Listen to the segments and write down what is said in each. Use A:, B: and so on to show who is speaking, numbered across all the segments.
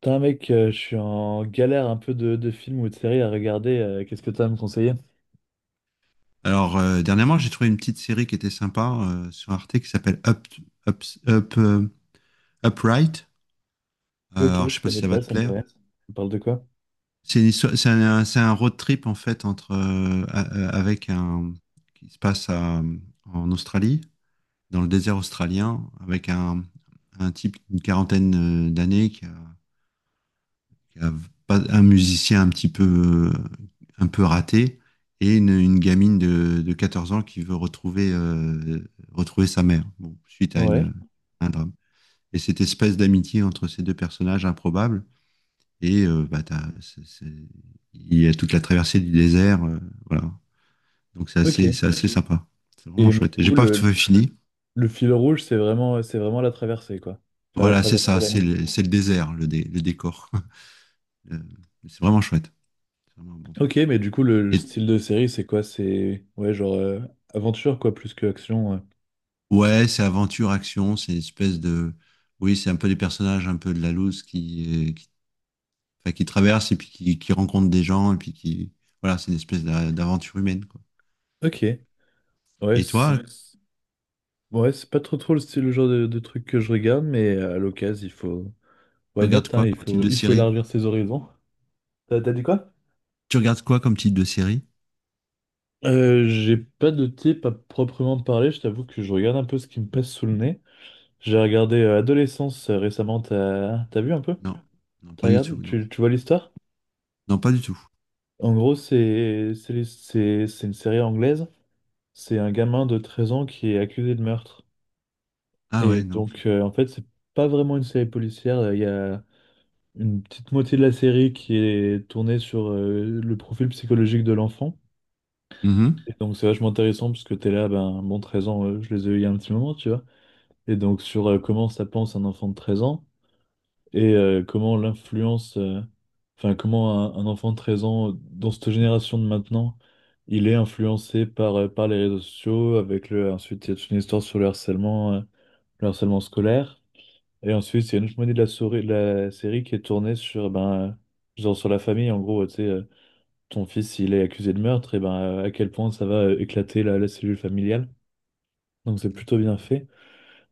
A: Putain, mec, je suis en galère un peu de films ou de séries à regarder. Qu'est-ce que tu as à me conseiller?
B: Alors, dernièrement, j'ai trouvé une petite série qui était sympa sur Arte qui s'appelle Up, Up, euh, Upright.
A: Ok,
B: Alors, je
A: je
B: sais pas si
A: connais
B: ça va
A: pas,
B: te
A: ça me dit
B: plaire.
A: rien. On parle de quoi?
B: C'est une histoire- c'est un road trip en fait avec un qui se passe à- en Australie, dans le désert australien, avec un type d'une quarantaine d'années qui a un musicien un petit peu, un peu raté et une gamine de 14 ans qui veut retrouver, retrouver sa mère bon, suite à
A: Ouais.
B: un drame. Et cette espèce d'amitié entre ces deux personnages improbables, et bah, il y a toute la traversée du désert, voilà. Donc
A: Ok.
B: c'est assez sympa. C'est vraiment
A: Et mais
B: chouette.
A: du
B: J'ai
A: coup,
B: pas
A: le,
B: tout fini.
A: le fil rouge, c'est vraiment la traversée, quoi. Enfin, la
B: Voilà, c'est
A: traversée et
B: ça,
A: l'amitié.
B: c'est le désert, le décor. Euh, C'est vraiment chouette. C'est vraiment un bon
A: Ok,
B: truc.
A: mais du coup, le
B: Et
A: style de série, c'est quoi? C'est, ouais, genre aventure, quoi, plus que action.
B: ouais, c'est aventure, action, c'est une espèce de... Oui, c'est un peu des personnages un peu de la loose qui, qui traversent et puis qui rencontrent des gens et puis qui... Voilà, c'est une espèce d'aventure humaine, quoi.
A: Ok. Ouais,
B: Et
A: c'est
B: toi,
A: ouais, c'est pas trop trop le style, le genre de truc que je regarde, mais à l'occasion, il faut...
B: tu
A: Why
B: regardes
A: not,
B: quoi
A: hein, il
B: comme type
A: faut,
B: de
A: il faut
B: série?
A: élargir ses horizons. T'as dit quoi?
B: Tu regardes quoi comme type de série?
A: J'ai pas de type à proprement parler, je t'avoue que je regarde un peu ce qui me passe sous le nez. J'ai regardé Adolescence récemment, t'as vu un peu?
B: Non, non,
A: T'as
B: pas du
A: regardé?
B: tout, non.
A: Tu vois l'histoire?
B: Non, pas du tout.
A: En gros, c'est une série anglaise. C'est un gamin de 13 ans qui est accusé de meurtre.
B: Ah
A: Et
B: ouais, non.
A: donc, en fait, c'est pas vraiment une série policière. Il y a une petite moitié de la série qui est tournée sur le profil psychologique de l'enfant.
B: Mhm.
A: Et donc, c'est vachement intéressant parce que t'es là, ben, bon, 13 ans, je les ai eu il y a un petit moment, tu vois. Et donc sur comment ça pense un enfant de 13 ans et comment l'influence, enfin comment un enfant de 13 ans dans cette génération de maintenant, il est influencé par, par les réseaux sociaux, ensuite il y a toute une histoire sur le harcèlement scolaire, et ensuite il y a une autre moitié de la série qui est tournée sur, ben, genre sur la famille, en gros, tu sais, ton fils il est accusé de meurtre, et ben à quel point ça va éclater la cellule familiale. Donc c'est plutôt
B: D'accord.
A: bien fait.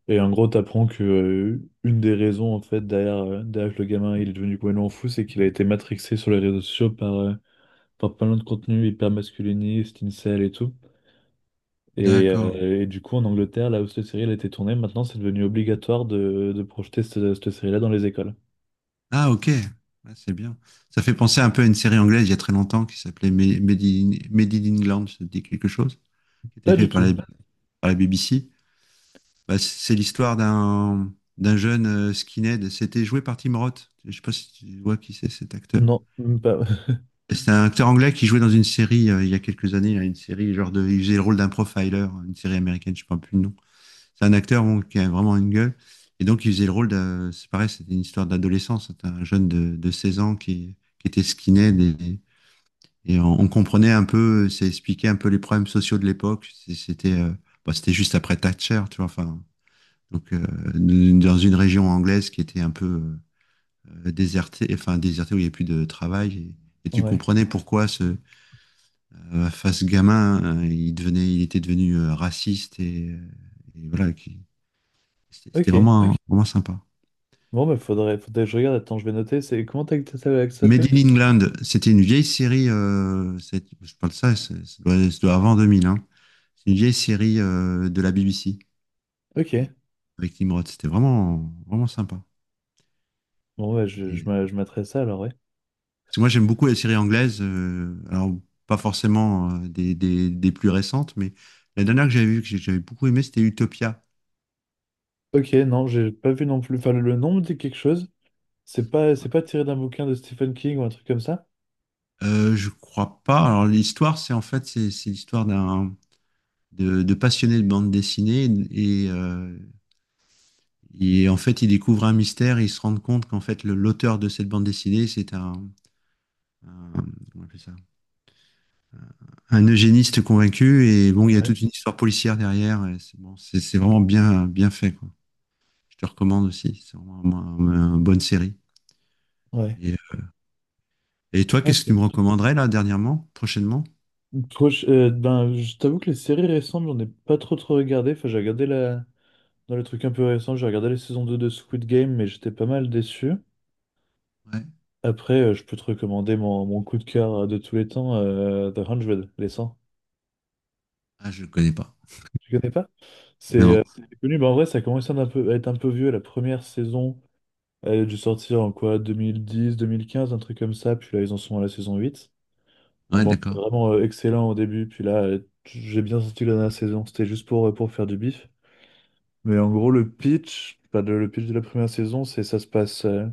A: Et en gros, t'apprends que une des raisons en fait derrière que le gamin il est devenu complètement fou, c'est qu'il a été matrixé sur les réseaux sociaux par plein de contenus hyper masculinistes, incel et tout. Et,
B: D'accord. Et...
A: euh, et du coup, en Angleterre, là où cette série elle a été tournée, maintenant c'est devenu obligatoire de projeter cette série-là dans les écoles.
B: Ah, ok. Ah, c'est bien. Ça fait penser un peu à une série anglaise il y a très longtemps qui s'appelait Made in England, ça te dit quelque chose? Qui était
A: Pas
B: fait
A: du
B: par les,
A: tout.
B: à la BBC. Bah, c'est l'histoire d'un jeune skinhead. C'était joué par Tim Roth. Je sais pas si tu vois qui c'est cet acteur.
A: Non, même pas.
B: C'est un acteur anglais qui jouait dans une série il y a quelques années, là, une série genre de, il faisait le rôle d'un profiler, une série américaine, je ne sais pas plus le nom. C'est un acteur bon, qui a vraiment une gueule. Et donc il faisait le rôle de, c'est pareil, c'était une histoire d'adolescence. C'était un jeune de 16 ans qui était skinhead et, on comprenait un peu, ça expliquait un peu les problèmes sociaux de l'époque. C'était, bah, c'était juste après Thatcher, tu vois. Enfin, donc dans une région anglaise qui était un peu désertée, enfin désertée où il n'y avait plus de travail. Et tu
A: Ouais.
B: comprenais pourquoi ce face gamin, il était devenu raciste et voilà, c'était
A: Ok.
B: vraiment sympa.
A: Bon, bah faudrait que je regarde. Attends, je vais noter. C'est comment ça
B: Made
A: s'appelait?
B: in England, c'était une vieille série. Je parle de ça, ça doit avant 2000. Hein. C'est une vieille série de la BBC
A: Ok.
B: avec Tim Roth. C'était vraiment sympa.
A: Bon, bah je, je
B: Et,
A: m'a- je m'adresse à ça alors, ouais.
B: parce que moi, j'aime beaucoup les séries anglaises. Alors, pas forcément des plus récentes, mais la dernière que j'avais vue, j'avais beaucoup aimé, c'était Utopia.
A: Ok, non, j'ai pas vu non plus. Enfin, le nom me dit quelque chose. C'est pas tiré d'un bouquin de Stephen King ou un truc comme ça?
B: Je crois pas. Alors, l'histoire, c'est en fait, c'est l'histoire d'un de passionné de bande dessinée. Et, euh, et en fait, il découvre un mystère et il se rend compte qu'en fait, l'auteur de cette bande dessinée, c'est un, comment on appelle ça un eugéniste convaincu. Et bon, il y a
A: Ouais.
B: toute une histoire policière derrière. Et c'est bon, c'est vraiment bien, bien fait, quoi. Je te recommande aussi. C'est vraiment une bonne série.
A: Ouais.
B: Et, euh, et toi,
A: Ok.
B: qu'est-ce que tu me recommanderais là, dernièrement, prochainement?
A: Ben, je t'avoue que les séries récentes, j'en ai pas trop trop regardé. Enfin, j'ai regardé dans les trucs un peu récents, j'ai regardé la saison 2 de Squid Game, mais j'étais pas mal déçu.
B: Ouais.
A: Après, je peux te recommander mon coup de cœur de tous les temps, The 100, les 100.
B: Ah, je ne connais pas.
A: Tu connais pas? C'est euh,
B: Non.
A: c'est connu, mais en vrai, ça commence à être un peu, à être un peu vieux. La première saison, elle a dû sortir en quoi? Deux mille dix, 2015, un truc comme ça. Puis là, ils en sont à la saison 8. Non,
B: Ouais,
A: bon, c'était
B: d'accord.
A: vraiment excellent au début. Puis là, j'ai bien senti que la dernière saison, c'était juste pour faire du bif. Mais en gros, le pitch, enfin, le pitch de la première saison, c'est ça se passe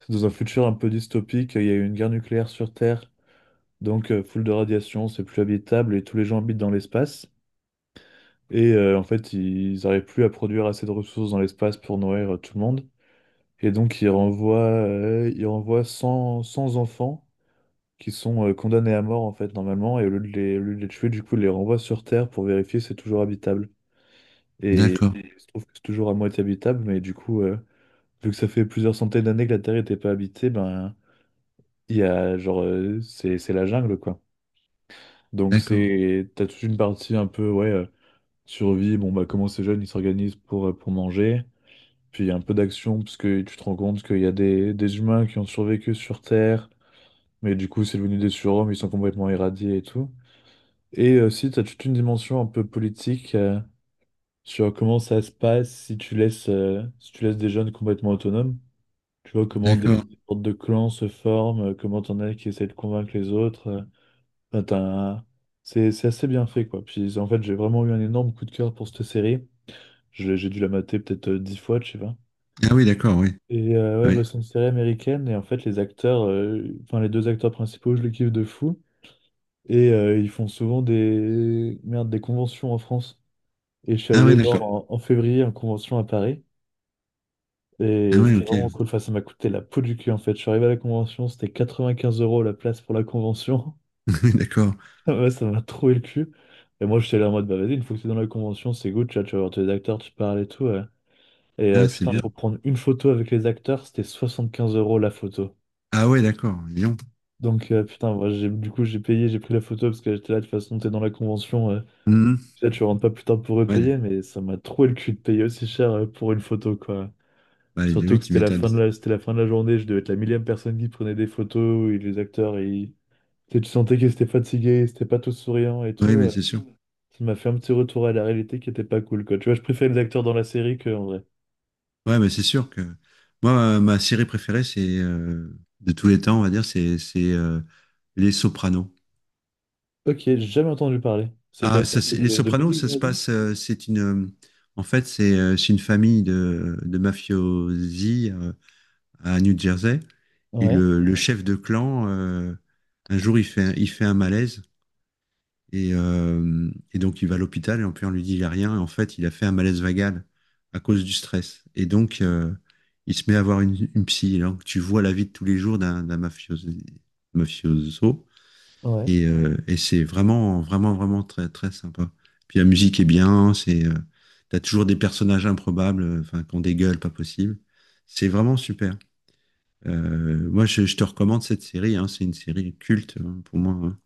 A: c'est dans un futur un peu dystopique. Il y a eu une guerre nucléaire sur Terre. Donc, full de radiation, c'est plus habitable et tous les gens habitent dans l'espace. Et en fait, ils n'arrivent plus à produire assez de ressources dans l'espace pour nourrir tout le monde. Et donc, ils renvoient 100, 100 enfants qui sont condamnés à mort, en fait, normalement. Et au lieu de les tuer, du coup, ils les renvoient sur Terre pour vérifier si c'est toujours habitable. Et
B: D'accord.
A: il se trouve que c'est toujours à moitié habitable, mais du coup, vu que ça fait plusieurs centaines d'années que la Terre n'était pas habitée, ben, il y a, genre, c'est la jungle, quoi. Donc,
B: D'accord.
A: t'as toute une partie un peu, ouais, survie. Bon, bah, comment ces jeunes, ils s'organisent pour manger. Puis il y a un peu d'action, parce que tu te rends compte qu'il y a des humains qui ont survécu sur Terre, mais du coup, c'est devenu des surhommes, ils sont complètement irradiés et tout. Et aussi, tu as toute une dimension un peu politique sur comment ça se passe si tu laisses des jeunes complètement autonomes. Tu vois comment des,
B: D'accord.
A: des sortes de clans se forment, comment t'en as qui essaient de convaincre les autres. Enfin, c'est assez bien fait, quoi. Puis en fait, j'ai vraiment eu un énorme coup de cœur pour cette série. J'ai dû la mater peut-être 10 fois, tu sais.
B: Ah oui, d'accord, oui.
A: Et
B: Ah
A: ouais,
B: oui.
A: bah, c'est une série américaine et en fait les acteurs, enfin les deux acteurs principaux, je les kiffe de fou. Et ils font souvent des conventions en France. Et je suis allé
B: Ah
A: les
B: oui,
A: voir
B: d'accord.
A: en février en convention à Paris.
B: Ah
A: Et
B: oui,
A: c'était
B: ok.
A: vraiment cool. Enfin, ça m'a coûté la peau du cul en fait. Je suis arrivé à la convention, c'était 95 € la place pour la convention.
B: Oui, d'accord.
A: Ouais, ça m'a troué le cul. Et moi j'étais là en mode bah vas-y, une fois que t'es dans la convention, c'est good, tu vois, tu vas voir tous les acteurs, tu parles et tout. Ouais. Et
B: Ah, c'est
A: putain,
B: bien.
A: pour prendre une photo avec les acteurs, c'était 75 € la photo.
B: Ah oui, d'accord. Lyon.
A: Donc, putain, moi, j'ai, du coup, j'ai payé, j'ai pris la photo parce que j'étais là, de toute façon, t'es dans la convention.
B: Mhm.
A: Là, tu rentres pas plus tard pour
B: Ouais.
A: repayer, mais ça m'a troué le cul de payer aussi cher pour une photo, quoi.
B: Bah,
A: Surtout
B: oui,
A: que
B: tu m'étonnes.
A: c'était la fin de la journée, je devais être la millième personne qui prenait des photos, et les acteurs, tu sais, tu sentais qu'ils étaient fatigués, ils étaient pas tous souriants et
B: Oui,
A: tout.
B: mais c'est sûr.
A: Ça m'a fait un petit retour à la réalité qui était pas cool, quoi. Tu vois, je préfère les acteurs dans la série que en vrai.
B: Ouais, mais c'est sûr que moi, ma série préférée, c'est de tous les temps, on va dire, c'est Les Sopranos.
A: Ok, j'ai jamais entendu parler. C'est quoi,
B: Ah,
A: c'est
B: ça,
A: un
B: c'est-
A: truc
B: les
A: de
B: Sopranos,
A: musique,
B: ça se
A: j'imagine?
B: passe. C'est une, en fait, c'est une famille de mafiosi à New Jersey. Et
A: Ouais,
B: le chef de clan, un jour, il fait un malaise. Et donc, il va à l'hôpital et en plus, on lui dit, il a rien. Et en fait, il a fait un malaise vagal à cause du stress. Et donc, il se met à avoir une psy. Et donc, tu vois la vie de tous les jours d'un mafioso.
A: ouais,
B: Et c'est vraiment très, très sympa. Puis la musique est bien, t'as toujours des personnages improbables, enfin, qui ont des gueules pas possibles. C'est vraiment super. Moi, je te recommande cette série, hein. C'est une série culte, hein, pour moi, hein.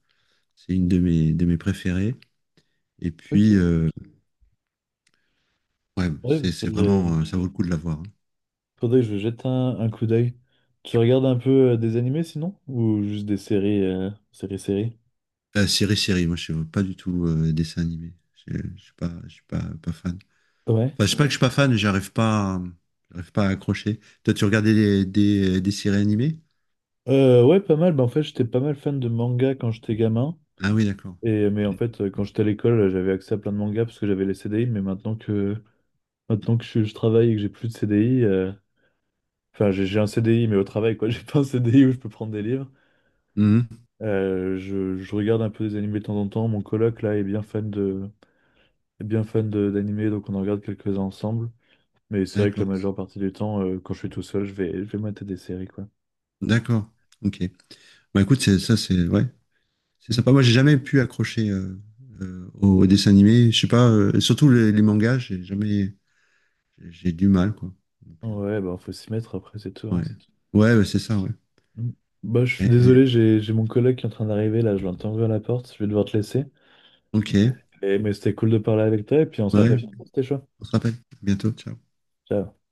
B: C'est une de mes préférées. Et puis,
A: ok.
B: ouais,
A: Ouais,
B: c'est
A: faudrait.
B: vraiment, ça vaut le coup de la voir, hein.
A: Faudrait que je jette un coup d'œil. Tu regardes un peu des animés sinon? Ou juste des séries?
B: Série, moi, je suis pas du tout dessin animé. Je suis pas fan.
A: Ouais.
B: Enfin, c'est pas que je suis pas fan, mais j'arrive pas à accrocher. Toi, tu regardais des séries animées?
A: Ouais, pas mal. Bah, en fait, j'étais pas mal fan de manga quand j'étais gamin.
B: Ah oui, d'accord.
A: Et, mais en fait, quand j'étais à l'école, j'avais accès à plein de mangas parce que j'avais les CDI. Mais maintenant que je travaille et que j'ai plus de CDI, enfin, j'ai un CDI, mais au travail, quoi. J'ai pas un CDI où je peux prendre des livres.
B: Mhm.
A: Je regarde un peu des animés de temps en temps. Mon coloc, là, est bien fan d'animés, donc on en regarde quelques-uns ensemble. Mais c'est vrai que la
B: D'accord.
A: majeure partie du temps, quand je suis tout seul, je vais mater des séries, quoi.
B: D'accord. Ok. Bah écoute, c'est ça, c'est ouais, c'est
A: Mm.
B: sympa. Moi, j'ai jamais pu accrocher au, au dessin animé. Je sais pas, surtout les mangas, j'ai jamais, j'ai du mal quoi. Donc,
A: Ouais, bah faut s'y mettre après, c'est tout. Ouais.
B: ouais, ouais, bah, c'est ça, ouais.
A: Mm. Bah je suis
B: Et...
A: désolé, j'ai mon collègue qui est en train d'arriver là, je l'entends ouvrir la porte, je vais devoir te laisser.
B: ok,
A: Et, mais c'était cool de parler avec toi et puis on se
B: ouais.
A: rappelle. C'était chaud.
B: On se rappelle. À bientôt. Ciao.
A: Ciao.